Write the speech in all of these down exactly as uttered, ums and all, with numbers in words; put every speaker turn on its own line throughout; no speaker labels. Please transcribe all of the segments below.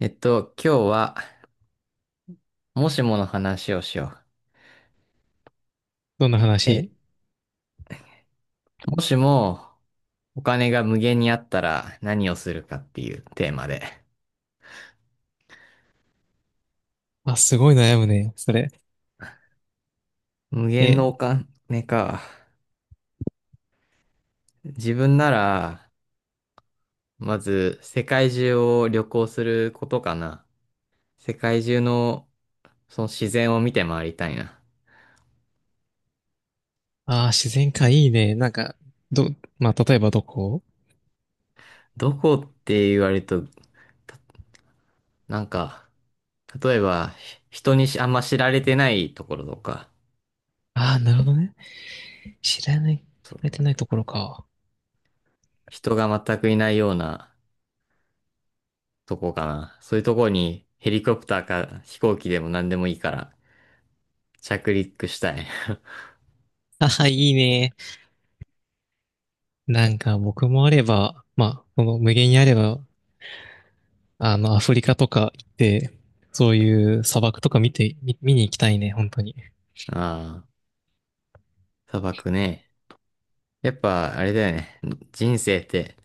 えっと、今日は、もしもの話をしよう。
どんな
え、
話？
もしも、お金が無限にあったら何をするかっていうテーマで。
あ、すごい悩むね、それ。
無限
え、
のお金か。自分なら、まず、世界中を旅行することかな。世界中の、その自然を見て回りたいな。
あー、自然かいいね。なんか、ど、まあ、例えばどこ？
どこって言われると、たなんか、例えば、ひ人にしあんま知られてないところとか、
ああー、なるほどね。知らない、知
そ
ら
う。
れてないところか。
人が全くいないような、とこかな。そういうとこにヘリコプターか飛行機でも何でもいいから着陸したい。
ああ、いいね。なんか、僕もあれば、まあ、この無限にあれば、あの、アフリカとか行って、そういう砂漠とか見て、見、見に行きたいね、本当に。
ああ、砂漠ね。やっぱあれだよね。人生って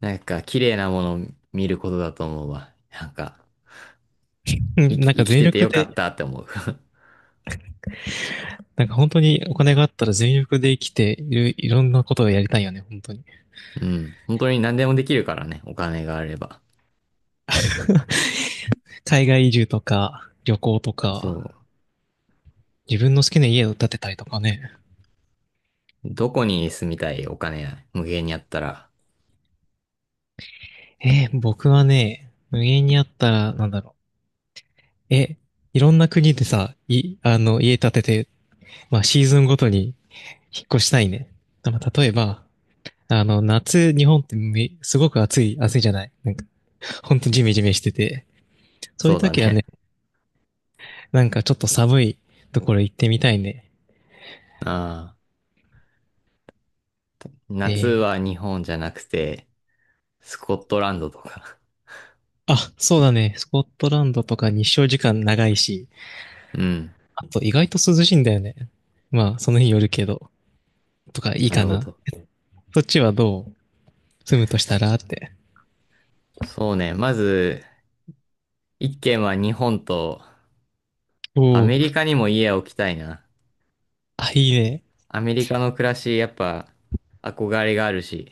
なんか綺麗なものを見ることだと思うわ。なんか
う
生
ん、
き、
なん
生
か
き
全
てて
力
よかっ
で、
たって思う。
なんか本当にお金があったら全力で生きている、いろんなことをやりたいよね、本当に。
うん。本当に何でもできるからね。お金があれば。
海外移住とか、旅行とか、
そ
自分の好きな家を建てたりとかね。
う。どこに住みたいお金無限にあったら？
えー僕はね、無限にあったら、なんだろう。え、いろんな国でさ、い、あの、家建てて、まあ、シーズンごとに引っ越したいね。まあ、例えば、あの、夏、日本ってめ、すごく暑い、暑いじゃない。なんか、ほんとジメジメしてて。そうい
そ
う
うだ
時は
ね。
ね、なんかちょっと寒いところ行ってみたいね。
ああ。夏
で、
は日本じゃなくて、スコットランドとか。
あ、そうだね。スコットランドとか日照時間長いし、
うん。
あと意外と涼しいんだよね。まあ、その日によるけど、とかいい
な
か
るほ
な。
ど。
そっちはどう？住むとしたらって。
そうね。まず、一軒は日本と、
お
あとア
お。
メリカにも家を置きたいな。
あ、いいね。
アメリカの暮らし、やっぱ、憧れがあるし。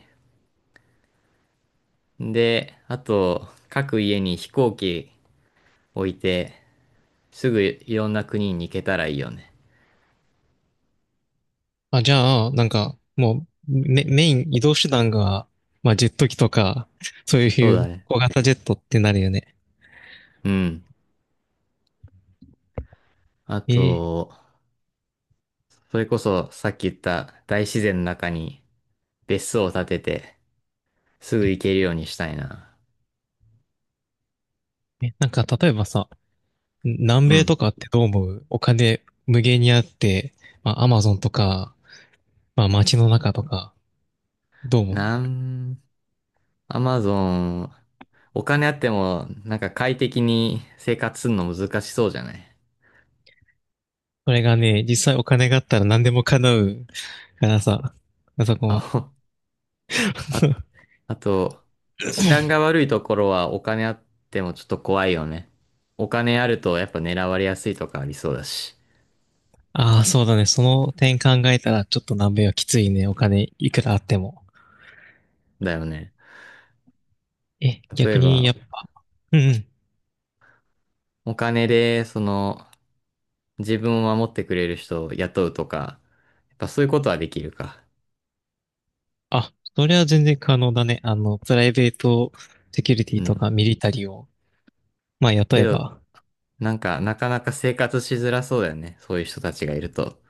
で、あと、各家に飛行機置いて、すぐいろんな国に行けたらいいよね。
あ、じゃあ、なんか、もう、メ、メイン移動手段が、まあ、ジェット機とか、そう
そ
い
うだ
う
ね。
小型ジェットってなるよね。
うん。あ
え
と、それこそ、さっき言った大自然の中に別荘を建てて、すぐ行けるようにしたいな。
ーえ、なんか、例えばさ、南
う
米
ん。
とかってどう思う？お金無限にあって、まあ、アマゾンとか、まあ、街の中とか、どう思
な
う？
ん、アマゾン、お金あっても、なんか快適に生活するの難しそうじゃない？
これがね、実際お金があったら何でも叶うからさ、あそ こ
あ、
は。
ほあ、あと、治安が悪いところはお金あってもちょっと怖いよね。お金あるとやっぱ狙われやすいとかありそうだし。
ああ、そうだね。その点考えたら、ちょっと南米はきついね。お金いくらあっても。
だよね。
え、
例
逆
え
に、や
ば、
っぱ、うんうん。
お金で、その、自分を守ってくれる人を雇うとか、やっぱそういうことはできるか？
あ、それは全然可能だね。あの、プライベートセキュリティ
う
と
ん。
かミリタリーを、まあ、雇
け
え
ど、
ば。
なんか、なかなか生活しづらそうだよね。そういう人たちがいると。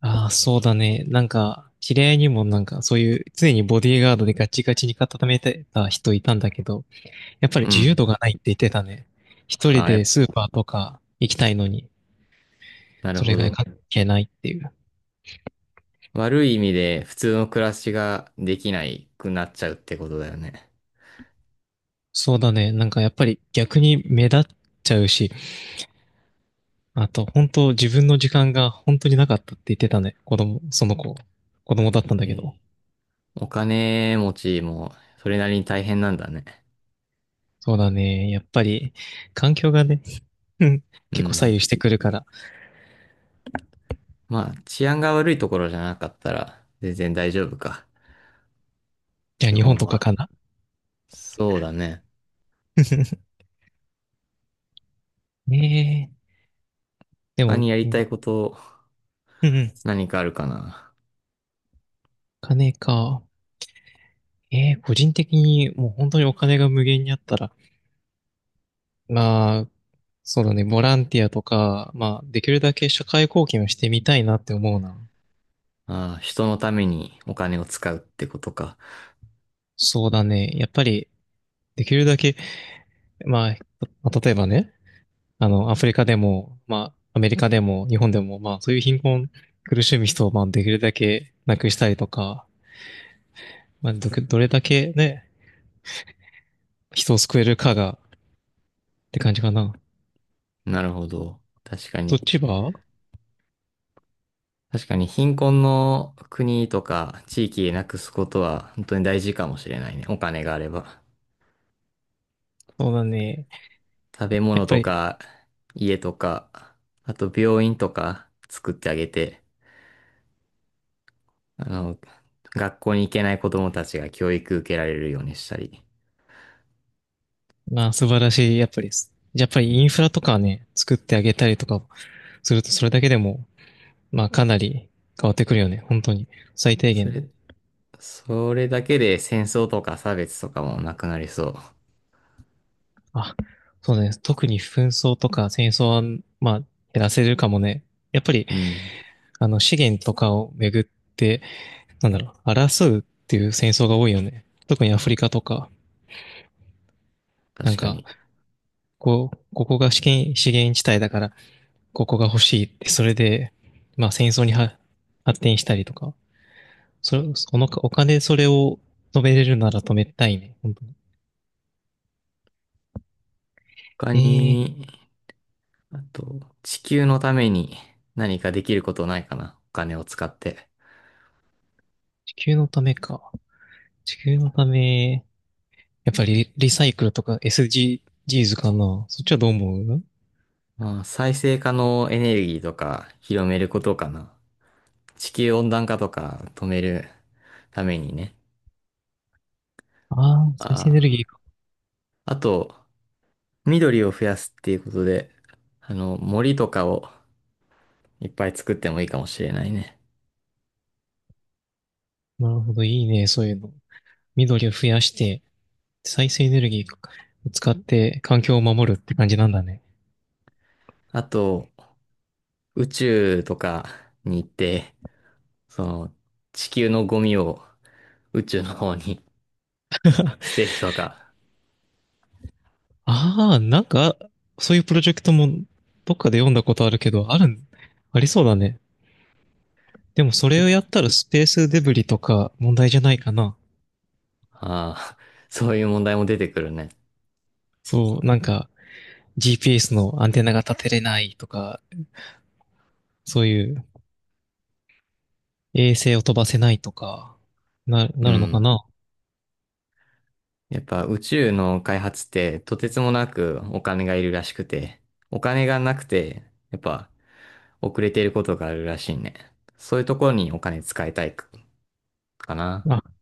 ああ、そうだね。なんか、知り合いにもなんか、そういう、常にボディーガードでガチガチに固めてた人いたんだけど、やっぱり
う
自由
ん。
度がないって言ってたね。一
あ
人
あ、や
で
っ
スーパーとか行きたいのに、
なる
それ
ほ
が
ど。
関係ないっていう。
悪い意味で普通の暮らしができないくなっちゃうってことだよね。
そうだね。なんかやっぱり逆に目立っちゃうし、あと本当自分の時間が本当になかったって言ってたね。子供、その子、子供だったんだ
え
けど。
え、お金持ちもそれなりに大変なんだね。
そうだね。やっぱり環境がね、うん、
う
結構左
ん。
右してくるから。
まあ、治安が悪いところじゃなかったら全然大丈夫か。
じゃあ
基
日本
本
とか
は。
かな。
そうだね。
ねえ。で
他
も、
にやり
う
た
ん
いこと
うん、
何かあるかな？
お金か。ええ、個人的にもう本当にお金が無限にあったら、まあ、そうだね、ボランティアとか、まあ、できるだけ社会貢献をしてみたいなって思うな。
ああ、人のためにお金を使うってことか。
そうだね。やっぱり、できるだけ、まあ、まあ例えばね、あの、アフリカでも、まあ、アメリカでも、日本でも、まあ、そういう貧困、苦しむ人を、まあ、できるだけなくしたりとか、まあ、ど、どれだけね、人を救えるかが、って感じかな。
なるほど。確か
そっ
に。
ちは？
確かに貧困の国とか地域なくすことは本当に大事かもしれないね。お金があれば。
そうだね。
食べ
やっ
物
ぱ
と
り、
か家とか、あと病院とか作ってあげて、あの、学校に行けない子供たちが教育受けられるようにしたり。
まあ、素晴らしい、やっぱり、やっぱり
う
イン
ん。
フラとかね、作ってあげたりとかすると、それだけでも、まあ、かなり変わってくるよね。本当に。最低
そ
限の。
れ、それだけで戦争とか差別とかもなくなりそ
あ、そうです。特に紛争とか戦争は、まあ、減らせるかもね。やっぱり、
う。うん。
あの、資源とかをめぐって、なんだろう、争うっていう戦争が多いよね。特にアフリカとか、なん
確か
か、
に。
こう、ここが資源、資源地帯だから、ここが欲しいって、それで、まあ、戦争には発展したりとか、それ、そのお金でそれを止めれるなら止めたいね。本当に。
他
えー、
に、あと、地球のために何かできることないかな？お金を使って。
地球のためか。地球のため、やっぱりリサイクルとか s g g s かな。そっちはどう思う？
まあ、再生可能エネルギーとか広めることかな。地球温暖化とか止めるためにね。
ああ、再生エネ
あ
ルギーか。
あ。あと、緑を増やすっていうことで、あの、森とかをいっぱい作ってもいいかもしれないね。
なるほど、いいね、そういうの。緑を増やして、再生エネルギーを使って環境を守るって感じなんだね。
あと、宇宙とかに行って、その、地球のゴミを宇宙の方に 捨てるとか、
ああ、なんか、そういうプロジェクトもどっかで読んだことあるけど、ある、ありそうだね。でもそれ
宇
を
宙
やったらスペースデブリとか問題じゃないかな。
ああ、そういう問題も出てくるね。
そう、なんか ジーピーエス のアンテナが立てれないとか、そういう衛星を飛ばせないとか、な、
う
なるのか
ん。
な？
やっぱ宇宙の開発ってとてつもなくお金がいるらしくて、お金がなくて、やっぱ遅れていることがあるらしいね。そういうところにお金使いたいかかな。
あ、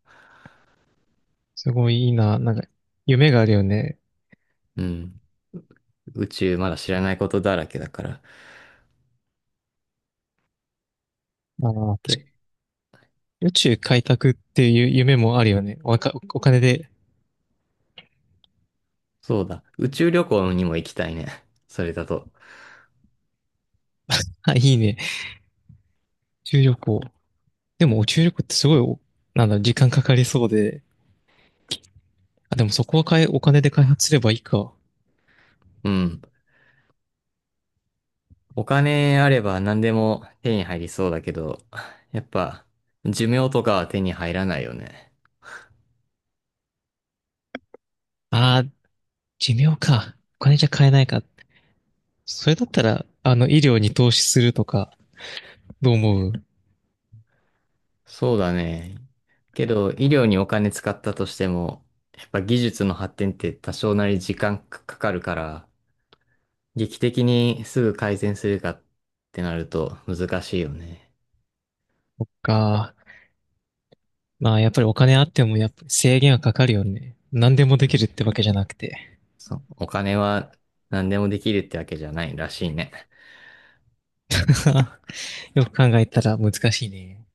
すごいいいな。なんか、夢があるよね。
うん。宇宙まだ知らないことだらけだから。
あー
け、
宇宙開拓っていう夢もあるよね。おか、お金で。
そうだ。宇宙旅行にも行きたいね。それだと。
あ、いいね。宇宙旅行。でも、宇宙旅行ってすごいお、なんだろう、時間かかりそうで。あ、でもそこはかえ、お金で開発すればいいか。
うん。お金あれば何でも手に入りそうだけど、やっぱ寿命とかは手に入らないよね。
ああ、寿命か。お金じゃ買えないか。それだったら、あの、医療に投資するとか、どう思う？
そうだね。けど、医療にお金使ったとしても、やっぱ技術の発展って多少なり時間かかるから、劇的にすぐ改善するかってなると難しいよね。
そっか。まあ、やっぱりお金あっても、やっぱり制限はかかるよね。何でもで
う
きる
ん。
ってわけじゃなくて。
そう。お金は何でもできるってわけじゃないらしいね。
よく考えたら難しいね。